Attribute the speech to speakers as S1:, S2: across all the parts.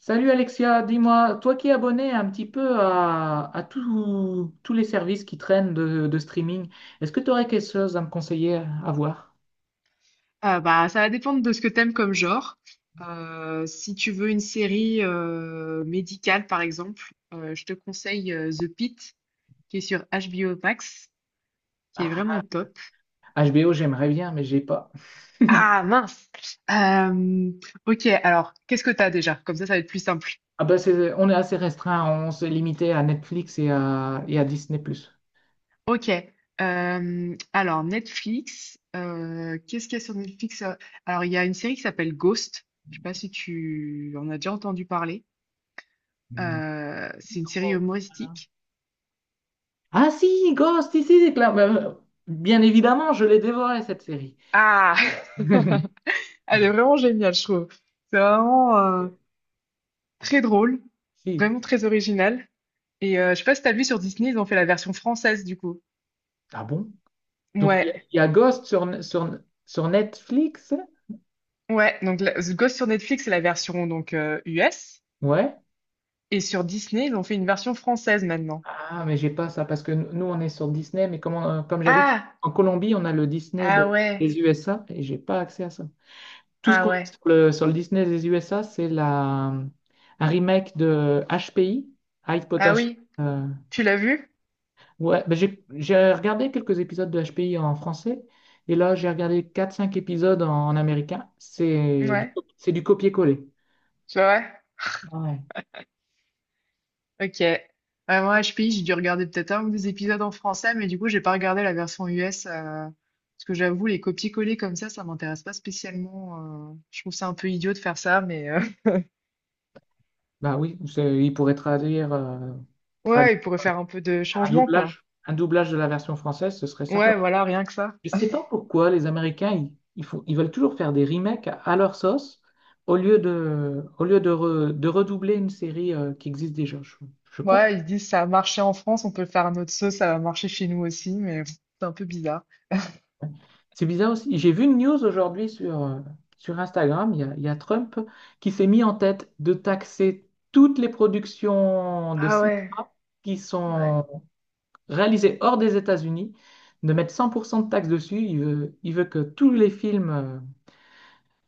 S1: Salut Alexia, dis-moi, toi qui es abonné un petit peu à tous les services qui traînent de streaming, est-ce que tu aurais quelque chose à me conseiller à voir?
S2: Ah bah, ça va dépendre de ce que t'aimes comme genre. Si tu veux une série médicale, par exemple, je te conseille The Pitt, qui est sur HBO Max, qui est vraiment
S1: Ah,
S2: top.
S1: HBO, j'aimerais bien, mais j'ai pas.
S2: Ah mince! Euh, ok, alors, qu'est-ce que t'as déjà? Comme ça va être plus simple.
S1: Ah bah c'est, on est assez restreint, on s'est limité à Netflix et à Disney+.
S2: Ok. Alors, Netflix, qu'est-ce qu'il y a sur Netflix? Alors, il y a une série qui s'appelle Ghost. Je sais pas si tu en as déjà entendu parler.
S1: Non.
S2: C'est une série
S1: Trop.
S2: humoristique.
S1: Ah si, Ghost, ici, c'est clair. Bah, bien évidemment, je l'ai dévoré cette série.
S2: Ah! Elle est vraiment géniale, je trouve. C'est vraiment très drôle,
S1: Si.
S2: vraiment très original. Et je sais pas si t'as vu sur Disney, ils ont fait la version française du coup.
S1: Ah bon? Donc, il y, a
S2: Ouais,
S1: il y a Ghost sur Netflix?
S2: ouais. Donc The Ghost sur Netflix, c'est la version donc US.
S1: Ouais.
S2: Et sur Disney, ils ont fait une version française maintenant.
S1: Ah, mais j'ai pas ça parce que nous, on est sur Disney, mais comme, comme j'habite
S2: Ah!
S1: en Colombie, on a le Disney
S2: Ah ouais,
S1: des USA et j'ai pas accès à ça. Tout ce
S2: ah
S1: qu'on a
S2: ouais.
S1: sur le, Disney des USA, c'est la, un remake de HPI. High
S2: Ah
S1: Potash.
S2: oui,
S1: euh,
S2: tu l'as vu?
S1: ouais, ben j'ai regardé quelques épisodes de HPI en français et là, j'ai regardé quatre cinq épisodes en américain.
S2: Ouais,
S1: C'est du copier-coller.
S2: tu vois?
S1: Ouais.
S2: Ok. Ouais, moi, HPI, j'ai dû regarder peut-être un ou deux épisodes en français, mais du coup, j'ai pas regardé la version US. Parce que j'avoue, les copier-coller comme ça m'intéresse pas spécialement. Je trouve ça un peu idiot de faire ça, mais
S1: Bah oui, il pourrait traduire, euh,
S2: ouais,
S1: traduire
S2: ils pourraient
S1: euh,
S2: faire un peu de
S1: un
S2: changement, quoi.
S1: doublage, un doublage de la version française, ce serait simple.
S2: Ouais, voilà, rien que ça.
S1: Je sais pas pourquoi les Américains, ils ils veulent toujours faire des remakes à leur sauce au lieu de redoubler une série qui existe déjà. Je comprends.
S2: Ouais, ils se disent ça a marché en France, on peut le faire à notre sauce, ça va marcher chez nous aussi, mais pff, c'est un peu bizarre.
S1: C'est bizarre aussi. J'ai vu une news aujourd'hui sur Instagram. Il y a Trump qui s'est mis en tête de taxer toutes les productions de
S2: Ah ouais,
S1: cinéma qui
S2: ouais.
S1: sont réalisé hors des États-Unis, de mettre 100% de taxes dessus. Il veut que tous les films, euh,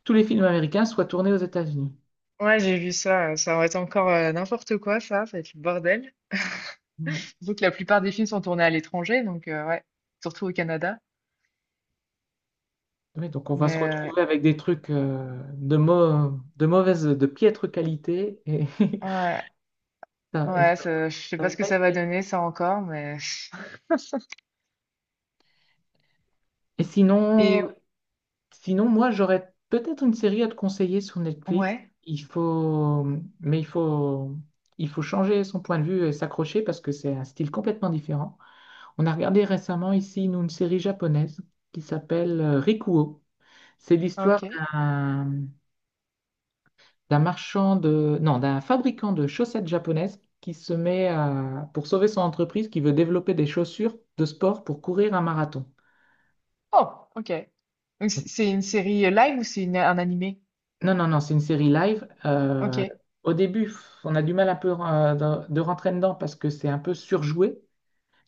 S1: tous les films américains soient tournés aux États-Unis.
S2: Ouais, j'ai vu ça. Ça aurait été encore n'importe quoi, ça. Ça va être le bordel.
S1: Ouais.
S2: Surtout que la plupart des films sont tournés à l'étranger, donc ouais, surtout au Canada.
S1: Oui, donc on va se
S2: Mais
S1: retrouver avec des trucs de, mau- de mauvaise, de piètre qualité. Et,
S2: ouais,
S1: ça- et ça-
S2: je sais
S1: ça
S2: pas
S1: va
S2: ce que
S1: pas être
S2: ça va
S1: bien.
S2: donner, ça encore, mais.
S1: Et sinon,
S2: Et
S1: sinon, moi, j'aurais peut-être une série à te conseiller sur Netflix.
S2: ouais,
S1: Il faut, mais il faut changer son point de vue et s'accrocher parce que c'est un style complètement différent. On a regardé récemment ici, nous, une série japonaise qui s'appelle Rikuo. C'est l'histoire
S2: ok.
S1: d'un marchand de, non, d'un fabricant de chaussettes japonaises qui se met à, pour sauver son entreprise, qui veut développer des chaussures de sport pour courir un marathon.
S2: Oh, ok. Donc, c'est une série live ou c'est un animé?
S1: Non, non, non, c'est une série live.
S2: Ok,
S1: Au début, on a du mal un peu de rentrer dedans parce que c'est un peu surjoué,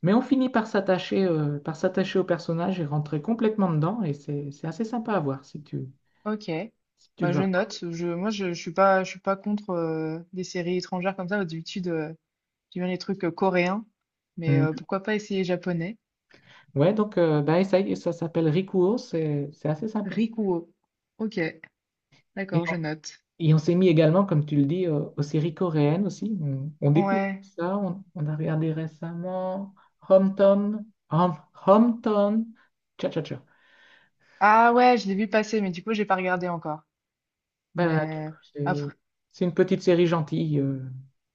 S1: mais on finit par s'attacher au personnage et rentrer complètement dedans et c'est assez sympa à voir si tu,
S2: ok.
S1: si tu
S2: Bah je
S1: veux.
S2: note. Je suis pas contre des séries étrangères comme ça. D'habitude, j'aime bien les trucs coréens, mais
S1: Mm.
S2: pourquoi pas essayer japonais?
S1: Ouais, donc bah, essaye, ça s'appelle Rikuo, c'est assez sympa.
S2: Rikuo. Ok,
S1: Et
S2: d'accord, je
S1: on,
S2: note.
S1: et on s'est mis également, comme tu le dis, aux séries coréennes aussi. On découvre
S2: Ouais.
S1: ça, on a regardé récemment Hometown, Hom- Hometown, Cha Cha Cha.
S2: Ah ouais, je l'ai vu passer, mais du coup j'ai pas regardé encore.
S1: Bah,
S2: Mais
S1: c'est
S2: après.
S1: c'est une petite série gentille.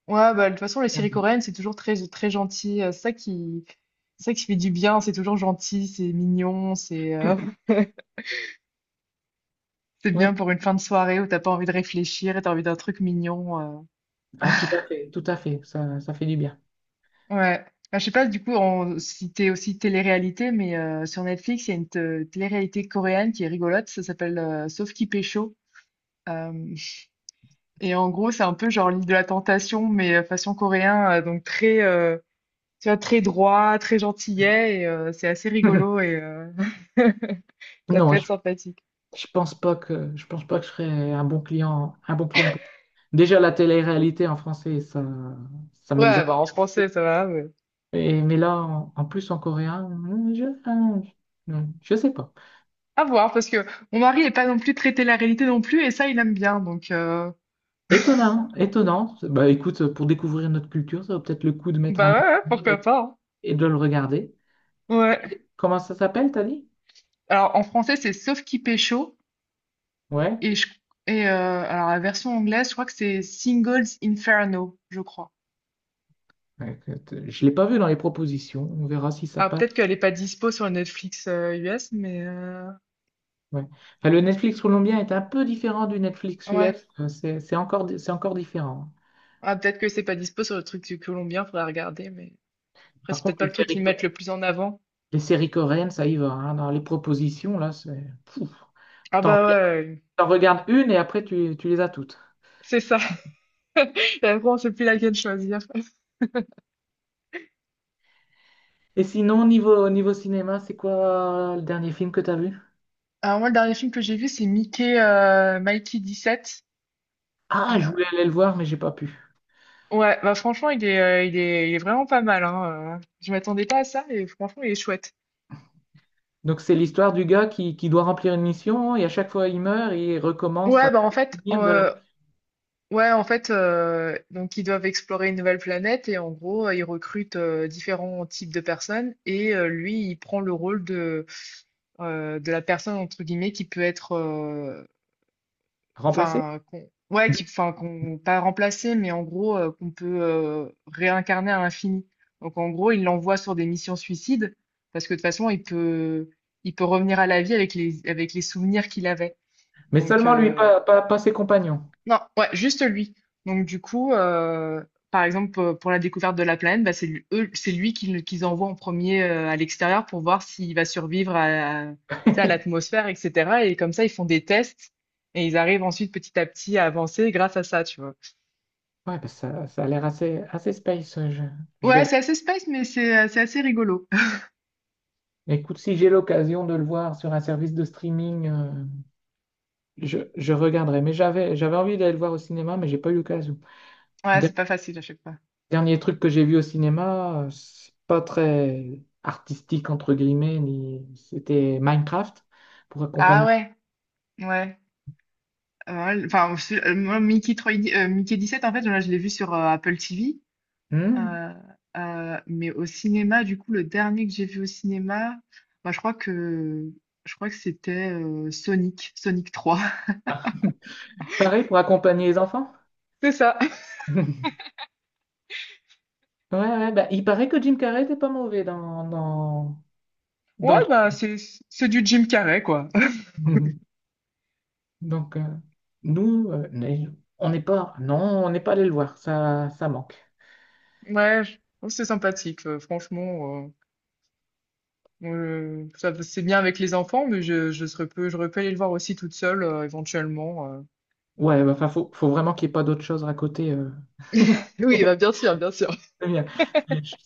S2: Ouais, bah, de toute façon, les
S1: Rien
S2: séries
S1: de-
S2: coréennes, c'est toujours très, très gentil. C'est ça c'est ça qui fait du bien. C'est toujours gentil, c'est mignon, c'est c'est
S1: Ouais,
S2: bien pour une fin de soirée où t'as pas envie de réfléchir et t'as envie d'un truc mignon.
S1: ah, tout à fait, ça fait du bien.
S2: Ouais. Bah, je sais pas, du coup, si t'es aussi télé-réalité, mais sur Netflix, il y a une télé-réalité coréenne qui est rigolote. Ça s'appelle Sauf qui pécho. Euh, et en gros, c'est un peu genre l'île de la tentation, mais façon coréen, donc très, tu vois, très droit, très gentillet, et c'est assez rigolo et ça peut
S1: Non,
S2: être sympathique.
S1: je pense pas que je serais un bon client. Déjà la télé-réalité en français, ça
S2: Ouais,
S1: m'exaspère.
S2: bah, en français, ça va, mais
S1: Mais là, en plus en coréen, hein, je je sais pas.
S2: à voir, parce que mon mari n'est pas non plus traité la réalité non plus, et ça, il aime bien, donc
S1: Étonnant, étonnant. Bah écoute, pour découvrir notre culture, ça vaut peut-être le coup de mettre un
S2: bah ouais, ouais,
S1: épisode
S2: pourquoi
S1: et,
S2: pas.
S1: et de le regarder.
S2: Hein.
S1: Comment,
S2: Ouais.
S1: comment ça s'appelle, t'as dit?
S2: Alors, en français, c'est Sauf qui pécho,
S1: Ouais.
S2: et, je, et alors la version anglaise, je crois que c'est Singles Inferno, je crois.
S1: Ouais, écoute, je l'ai pas vu dans les propositions. On verra si ça
S2: Alors, peut-être
S1: passe.
S2: qu'elle n'est pas dispo sur Netflix US, mais
S1: Ouais. Enfin, le Netflix colombien est un peu différent du Netflix
S2: ouais.
S1: US. C'est encore différent.
S2: Ah, peut-être que c'est pas dispo sur le truc du Colombien, faudra regarder, mais... Après,
S1: Par
S2: c'est peut-être
S1: contre,
S2: pas
S1: les
S2: le truc
S1: séries,
S2: qu'ils
S1: co-
S2: mettent le plus en avant.
S1: les séries coréennes, ça y va, hein. Dans les propositions, là, c'est pouf.
S2: Ah
S1: T'en
S2: bah
S1: regardes
S2: ouais,
S1: t'en regardes une et après, tu les as toutes.
S2: c'est ça. Et après, on sait plus laquelle choisir.
S1: Et sinon, niveau cinéma, c'est quoi le dernier film que t'as vu?
S2: Alors moi, le dernier film que j'ai vu, c'est Mikey sept.
S1: Ah, je voulais
S2: Euh,
S1: aller le voir, mais j'ai pas pu.
S2: ouais, bah franchement, il est vraiment pas mal, hein. Je m'attendais pas à ça, et franchement, il est chouette.
S1: Donc, c'est l'histoire du gars qui doit remplir une mission et à chaque fois, il meurt et il recommence à
S2: Ouais, bah en fait,
S1: finir de la
S2: ouais, en fait, donc ils doivent explorer une nouvelle planète et en gros, ils recrutent différents types de personnes et lui, il prend de la personne entre guillemets qui peut être
S1: remplacer.
S2: enfin, qu'on, ouais, qui, enfin, qu'on, pas remplacer, mais en gros, qu'on peut réincarner à l'infini. Donc, en gros, il l'envoie sur des missions suicides, parce que de toute façon, il peut revenir à la vie avec avec les souvenirs qu'il avait.
S1: Mais
S2: Donc,
S1: seulement lui, pas, pas, pas ses compagnons.
S2: non, ouais, juste lui. Donc du coup, par exemple, pour la découverte de la planète, bah, c'est lui qu'ils envoient en premier à l'extérieur pour voir s'il va survivre à l'atmosphère, etc. Et comme ça, ils font des tests et ils arrivent ensuite petit à petit à avancer grâce à ça, tu vois.
S1: Ouais, parce que ça a l'air assez, assez space. Je
S2: Ouais, c'est
S1: verrai.
S2: assez space, mais c'est assez rigolo.
S1: Écoute, si j'ai l'occasion de le voir sur un service de streaming, je regarderai. Mais j'avais envie d'aller le voir au cinéma, mais j'ai pas eu l'occasion.
S2: Ouais,
S1: Der-
S2: c'est pas facile à chaque fois.
S1: Dernier truc que j'ai vu au cinéma, c'est pas très artistique, entre guillemets, ni... c'était Minecraft pour
S2: Ah
S1: accompagner.
S2: ouais, ouais. Enfin, moi, 3D Mickey 17, en fait, là, je l'ai vu sur Apple TV.
S1: Hmm.
S2: Euh, mais au cinéma, du coup, le dernier que j'ai vu au cinéma, bah, je crois que c'était Sonic, Sonic 3.
S1: Pareil pour accompagner les enfants?
S2: C'est ça.
S1: Ouais, ouais, bah, il paraît que Jim Carrey était pas mauvais dans
S2: Ouais,
S1: le.
S2: bah, c'est, c'est du Jim Carrey, quoi.
S1: Donc, nous, on n'est pas allé le voir, ça manque.
S2: Ouais, je trouve que c'est sympathique, franchement. Ça, c'est bien avec les enfants, mais je j'aurais pu aller le voir aussi toute seule, éventuellement.
S1: Ouais, bah, enfin, faut vraiment qu'il n'y ait pas d'autre chose à côté.
S2: Oui, bah, bien sûr, bien sûr.
S1: C'est bien.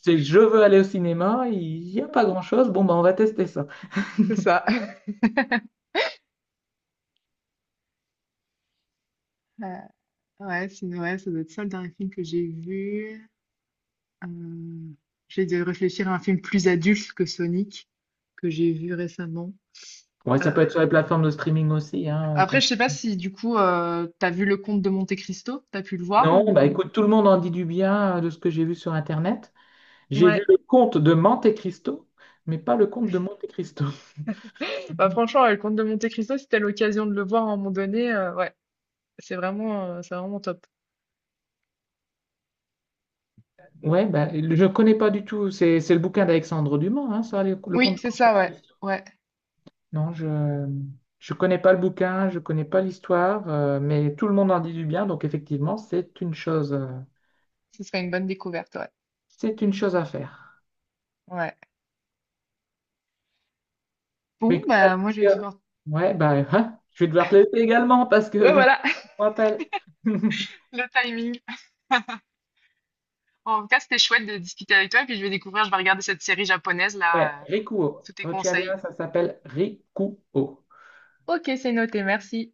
S1: C'est je veux aller au cinéma, il n'y a pas grand-chose, bon, bah, on va tester ça.
S2: C'est ça. Euh, ouais, ça doit être ça le dernier film que j'ai vu. Hem, J'essaie de réfléchir à un film plus adulte que Sonic, que j'ai vu récemment.
S1: Ouais,
S2: Heu,
S1: ça peut être sur les plateformes de streaming aussi, hein.
S2: Après, je sais pas si du coup, tu vu Le Comte de Monte-Cristo? T'as pu le voir
S1: Non, bah
S2: ou?
S1: écoute, tout le monde en dit du bien de ce que j'ai vu sur Internet. J'ai vu
S2: Ouais,
S1: le conte de Monte Cristo, mais pas le conte de Monte Cristo.
S2: bah, franchement, ouais, Le Comte de Monte-Cristo, si t'as l'occasion de le voir à un moment donné, ouais, c'est vraiment top.
S1: Ouais, bah, je ne connais pas du tout, c'est le bouquin d'Alexandre Dumas, hein, ça, le
S2: Oui,
S1: conte de
S2: c'est
S1: Monte
S2: ça, ouais,
S1: Cristo.
S2: ouais,
S1: Non, je connais pas le bouquin, je connais pas l'histoire, mais tout le monde en dit du bien, donc effectivement, c'est une chose, euh,
S2: ce serait une bonne découverte, ouais,
S1: c'est une chose à faire.
S2: ouais.
S1: Mais
S2: Bon,
S1: écoute,
S2: bah, moi, je vais
S1: Alexia,
S2: devoir.
S1: ouais, bah, hein, je vais devoir te laisser également parce
S2: Ouais,
S1: que
S2: voilà.
S1: on rappelle.
S2: Le timing. En tout cas, c'était chouette de discuter avec toi, et puis je vais découvrir, je vais regarder cette série japonaise
S1: Ouais,
S2: là,
S1: Rikuo.
S2: sous tes
S1: Retiens
S2: conseils.
S1: bien, ça s'appelle Rikuo.
S2: Ok, c'est noté, merci.